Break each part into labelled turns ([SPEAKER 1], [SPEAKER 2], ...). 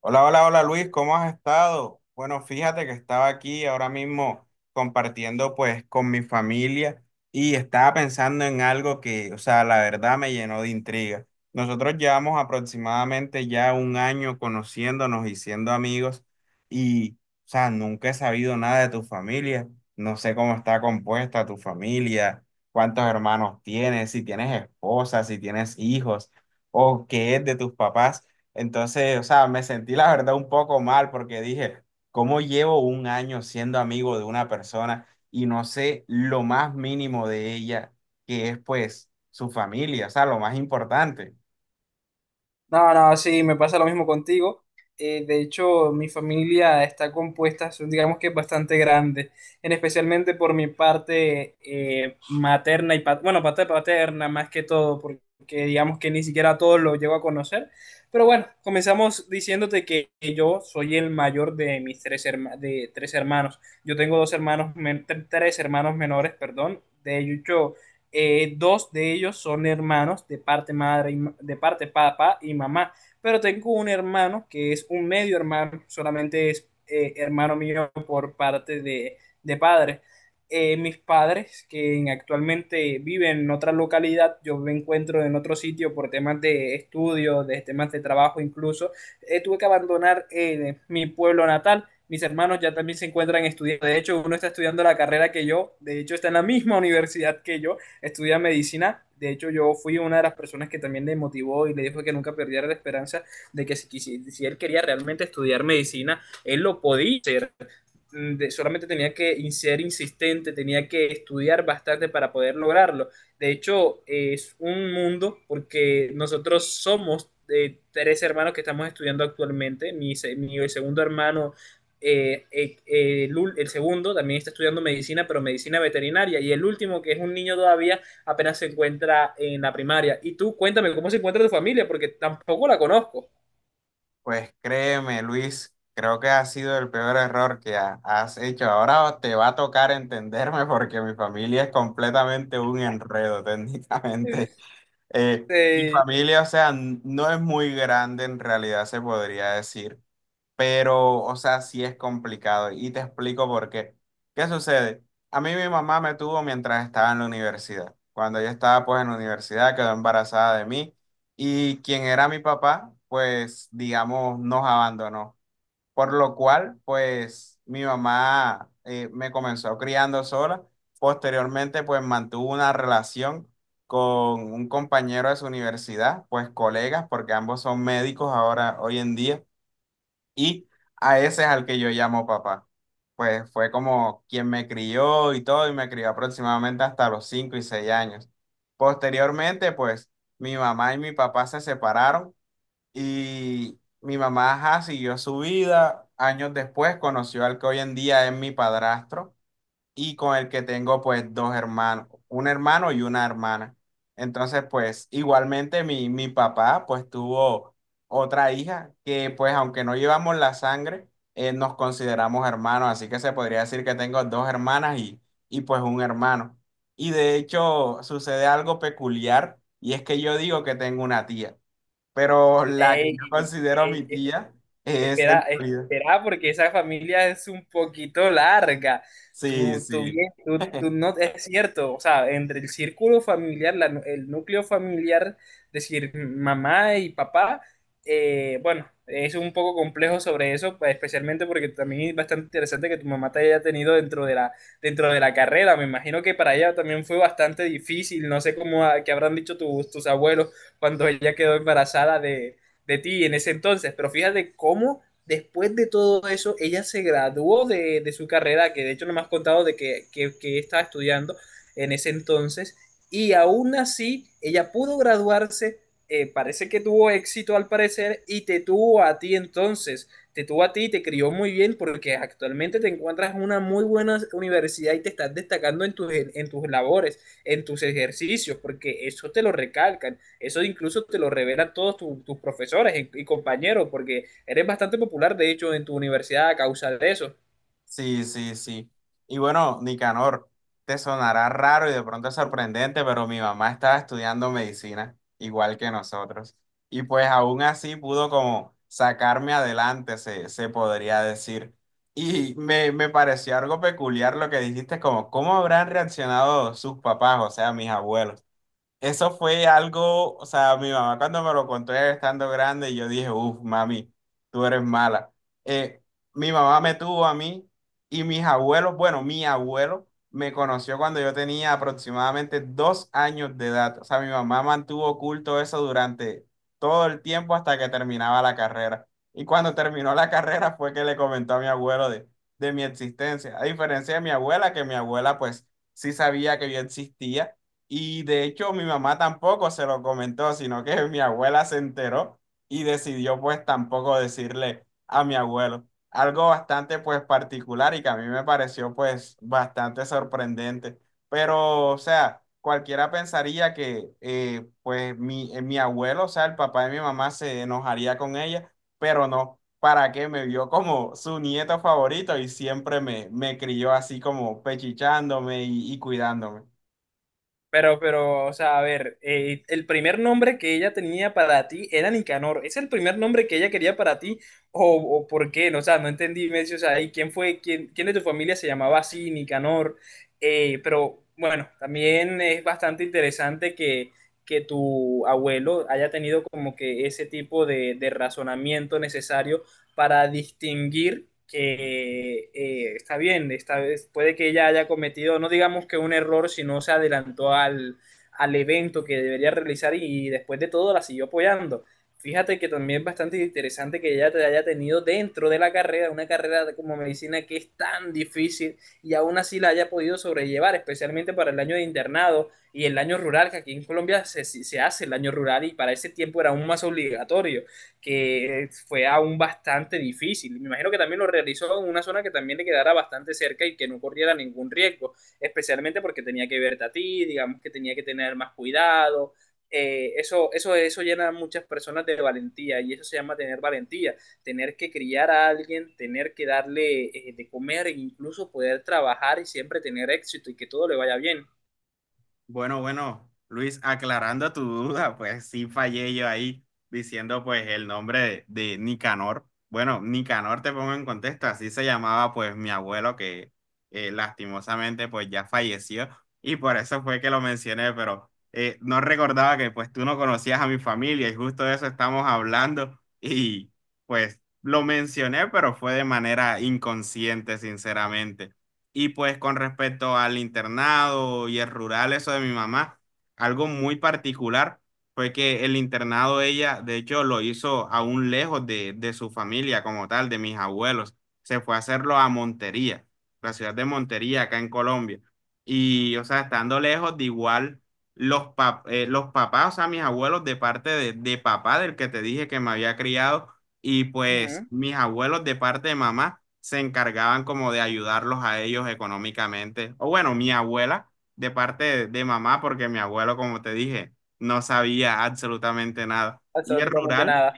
[SPEAKER 1] Hola, hola, hola Luis, ¿cómo has estado? Bueno, fíjate que estaba aquí ahora mismo compartiendo pues con mi familia y estaba pensando en algo que, o sea, la verdad me llenó de intriga. Nosotros llevamos aproximadamente ya un año conociéndonos y siendo amigos y, o sea, nunca he sabido nada de tu familia. No sé cómo está compuesta tu familia, cuántos hermanos tienes, si tienes esposa, si tienes hijos o qué es de tus papás. Entonces, o sea, me sentí la verdad un poco mal porque dije, ¿cómo llevo un año siendo amigo de una persona y no sé lo más mínimo de ella, que es pues su familia, o sea, lo más importante?
[SPEAKER 2] No, no, sí, me pasa lo mismo contigo. De hecho, mi familia está compuesta, son, digamos que bastante grande, en especialmente por mi parte materna y bueno, parte paterna más que todo, porque digamos que ni siquiera a todos lo llego a conocer. Pero bueno, comenzamos diciéndote que yo soy el mayor de de tres hermanos. Yo tengo dos hermanos, men- tre- tres hermanos menores, perdón. De hecho, dos de ellos son hermanos de parte madre, y de parte papá y mamá, pero tengo un hermano que es un medio hermano, solamente es hermano mío por parte de padre. Mis padres, que actualmente viven en otra localidad, yo me encuentro en otro sitio por temas de estudio, de temas de trabajo incluso, tuve que abandonar mi pueblo natal. Mis hermanos ya también se encuentran estudiando. De hecho, uno está estudiando la carrera que yo. De hecho, está en la misma universidad que yo estudia medicina. De hecho, yo fui una de las personas que también le motivó y le dijo que nunca perdiera la esperanza de que si él quería realmente estudiar medicina, él lo podía hacer solamente tenía que ser insistente, tenía que estudiar bastante para poder lograrlo. De hecho, es un mundo porque nosotros somos tres hermanos que estamos estudiando actualmente. Mi segundo hermano, el segundo, también está estudiando medicina, pero medicina veterinaria. Y el último, que es un niño todavía, apenas se encuentra en la primaria. Y tú, cuéntame, ¿cómo se encuentra tu familia? Porque tampoco la conozco.
[SPEAKER 1] Pues créeme, Luis, creo que ha sido el peor error que has hecho. Ahora te va a tocar entenderme porque mi familia es completamente un enredo técnicamente. Mi
[SPEAKER 2] Sí.
[SPEAKER 1] familia, o sea, no es muy grande en realidad, se podría decir. Pero, o sea, sí es complicado y te explico por qué. ¿Qué sucede? A mí mi mamá me tuvo mientras estaba en la universidad. Cuando yo estaba pues en la universidad quedó embarazada de mí y quien era mi papá, pues digamos, nos abandonó. Por lo cual, pues mi mamá me comenzó criando sola. Posteriormente, pues mantuvo una relación con un compañero de su universidad, pues colegas, porque ambos son médicos ahora, hoy en día. Y a ese es al que yo llamo papá. Pues fue como quien me crió y todo, y me crió aproximadamente hasta los 5 y 6 años. Posteriormente, pues mi mamá y mi papá se separaron y mi mamá ajá, siguió su vida. Años después conoció al que hoy en día es mi padrastro y con el que tengo pues dos hermanos, un hermano y una hermana. Entonces pues igualmente mi papá pues tuvo otra hija que pues aunque no llevamos la sangre, nos consideramos hermanos, así que se podría decir que tengo dos hermanas y pues un hermano. Y de hecho sucede algo peculiar y es que yo digo que tengo una tía, pero la que yo
[SPEAKER 2] Ey,
[SPEAKER 1] considero mi
[SPEAKER 2] ey,
[SPEAKER 1] tía es en
[SPEAKER 2] espera,
[SPEAKER 1] realidad.
[SPEAKER 2] espera, porque esa familia es un poquito larga.
[SPEAKER 1] Sí,
[SPEAKER 2] Tú, tú
[SPEAKER 1] sí.
[SPEAKER 2] bien, tú, tú no, es cierto, o sea, entre el círculo familiar, el núcleo familiar, decir, mamá y papá, bueno, es un poco complejo sobre eso, pues, especialmente porque también es bastante interesante que tu mamá te haya tenido dentro dentro de la carrera. Me imagino que para ella también fue bastante difícil, no sé cómo, qué habrán dicho tus abuelos cuando ella quedó embarazada de ti en ese entonces, pero fíjate cómo después de todo eso, ella se graduó de su carrera, que de hecho no me has contado de que estaba estudiando en ese entonces, y aún así ella pudo graduarse, parece que tuvo éxito al parecer, y te tuvo a ti entonces, te tuvo a ti y te crió muy bien porque actualmente te encuentras en una muy buena universidad y te estás destacando en en tus labores, en tus ejercicios, porque eso te lo recalcan, eso incluso te lo revelan todos tus profesores y compañeros, porque eres bastante popular, de hecho, en tu universidad a causa de eso.
[SPEAKER 1] Sí, sí, sí. Y bueno, Nicanor, te sonará raro y de pronto sorprendente, pero mi mamá estaba estudiando medicina, igual que nosotros. Y pues aún así pudo como sacarme adelante, se podría decir. Y me pareció algo peculiar lo que dijiste, como cómo habrán reaccionado sus papás, o sea, mis abuelos. Eso fue algo, o sea, mi mamá cuando me lo contó ya estando grande, yo dije, uff, mami, tú eres mala. Eh, mi mamá me tuvo a mí y mis abuelos, bueno, mi abuelo me conoció cuando yo tenía aproximadamente 2 años de edad. O sea, mi mamá mantuvo oculto eso durante todo el tiempo hasta que terminaba la carrera. Y cuando terminó la carrera fue que le comentó a mi abuelo de mi existencia. A diferencia de mi abuela, que mi abuela pues sí sabía que yo existía y de hecho mi mamá tampoco se lo comentó, sino que mi abuela se enteró y decidió pues tampoco decirle a mi abuelo. Algo bastante pues particular y que a mí me pareció pues bastante sorprendente. Pero o sea, cualquiera pensaría que mi abuelo, o sea, el papá de mi mamá se enojaría con ella, pero no. ¿Para qué? Me vio como su nieto favorito y siempre me crió así como pechichándome y cuidándome.
[SPEAKER 2] Pero, o sea, a ver, el primer nombre que ella tenía para ti era Nicanor. ¿Es el primer nombre que ella quería para ti? O por qué? No, o sea, no entendí. Me dice, o sea, ¿y quién fue, quién de tu familia se llamaba así, Nicanor? Pero bueno, también es bastante interesante que tu abuelo haya tenido como que ese tipo de razonamiento necesario para distinguir que está bien, esta vez puede que ella haya cometido, no digamos que un error, sino se adelantó al evento que debería realizar y después de todo la siguió apoyando. Fíjate que también es bastante interesante que ella te haya tenido dentro de la carrera, una carrera como medicina que es tan difícil y aún así la haya podido sobrellevar, especialmente para el año de internado y el año rural, que aquí en Colombia se hace el año rural y para ese tiempo era aún más obligatorio que fue aún bastante difícil. Me imagino que también lo realizó en una zona que también le quedara bastante cerca y que no corriera ningún riesgo, especialmente porque tenía que verte a ti, digamos que tenía que tener más cuidado. Eso llena a muchas personas de valentía y eso se llama tener valentía, tener que criar a alguien, tener que darle de comer e incluso poder trabajar y siempre tener éxito y que todo le vaya bien.
[SPEAKER 1] Bueno, bueno, Luis, aclarando tu duda, pues sí fallé yo ahí diciendo pues el nombre de Nicanor. Bueno, Nicanor te pongo en contexto, así se llamaba pues mi abuelo que lastimosamente pues ya falleció y por eso fue que lo mencioné, pero no recordaba que pues tú no conocías a mi familia y justo de eso estamos hablando y pues lo mencioné, pero fue de manera inconsciente, sinceramente. Y pues con respecto al internado y el rural, eso de mi mamá, algo muy particular fue que el internado ella, de hecho, lo hizo aún lejos de su familia como tal, de mis abuelos. Se fue a hacerlo a Montería, la ciudad de Montería, acá en Colombia. Y, o sea, estando lejos, de igual, los papás, o sea, mis abuelos de parte de papá, del que te dije que me había criado y
[SPEAKER 2] Uh -huh.
[SPEAKER 1] pues mis abuelos de parte de mamá se encargaban como de ayudarlos a ellos económicamente. O bueno, mi abuela de parte de mamá, porque mi abuelo, como te dije, no sabía absolutamente nada. Y
[SPEAKER 2] Absolutamente nada.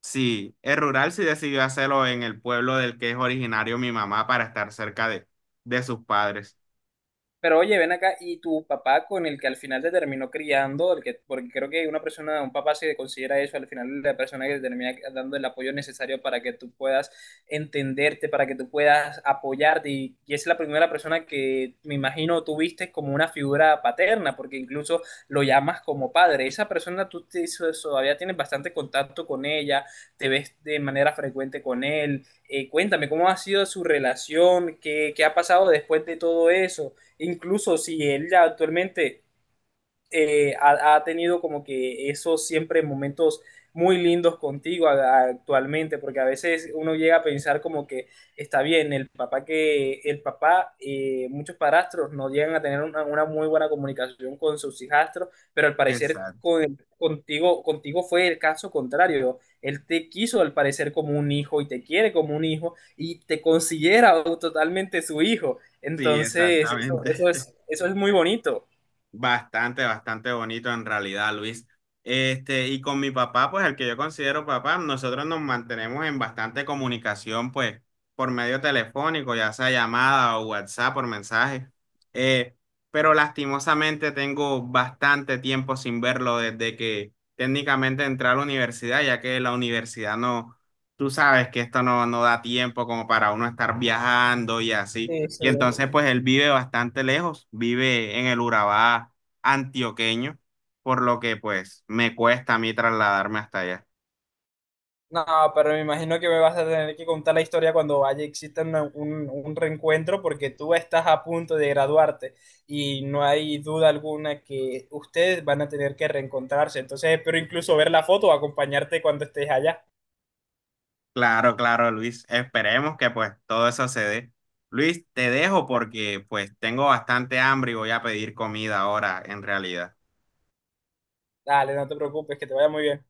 [SPEAKER 1] el rural sí decidió hacerlo en el pueblo del que es originario mi mamá para estar cerca de sus padres.
[SPEAKER 2] Pero oye, ven acá, y tu papá con el que al final te terminó criando, el que, porque creo que una persona, un papá se considera eso, al final la persona que te termina dando el apoyo necesario para que tú puedas entenderte, para que tú puedas apoyarte, y es la primera persona que me imagino tú viste como una figura paterna, porque incluso lo llamas como padre. Esa persona todavía tienes bastante contacto con ella, te ves de manera frecuente con él. Cuéntame, ¿cómo ha sido su relación? ¿Qué, qué ha pasado después de todo eso? Incluso si él ya actualmente ha tenido como que esos siempre momentos muy lindos contigo actualmente, porque a veces uno llega a pensar como que está bien, el papá, muchos padrastros no llegan a tener una muy buena comunicación con sus hijastros, pero al parecer
[SPEAKER 1] Exacto.
[SPEAKER 2] contigo, contigo fue el caso contrario. Él te quiso al parecer como un hijo y te quiere como un hijo y te considera totalmente su hijo.
[SPEAKER 1] Sí,
[SPEAKER 2] Entonces,
[SPEAKER 1] exactamente.
[SPEAKER 2] eso es muy bonito.
[SPEAKER 1] Bastante, bastante bonito en realidad, Luis. Este, y con mi papá, pues el que yo considero papá, nosotros nos mantenemos en bastante comunicación, pues por medio telefónico, ya sea llamada o WhatsApp, por mensaje. Eh, pero lastimosamente tengo bastante tiempo sin verlo desde que técnicamente entré a la universidad, ya que la universidad no, tú sabes que esto no, no da tiempo como para uno estar viajando y así.
[SPEAKER 2] Sí, sí.
[SPEAKER 1] Y entonces, pues él vive bastante lejos, vive en el Urabá antioqueño, por lo que pues me cuesta a mí trasladarme hasta allá.
[SPEAKER 2] No, pero me imagino que me vas a tener que contar la historia cuando haya exista un reencuentro porque tú estás a punto de graduarte y no hay duda alguna que ustedes van a tener que reencontrarse. Entonces espero incluso ver la foto o acompañarte cuando estés allá.
[SPEAKER 1] Claro, claro, Luis, esperemos que pues todo eso se dé. Luis, te dejo porque pues tengo bastante hambre y voy a pedir comida ahora en realidad.
[SPEAKER 2] Dale, no te preocupes, que te vaya muy bien.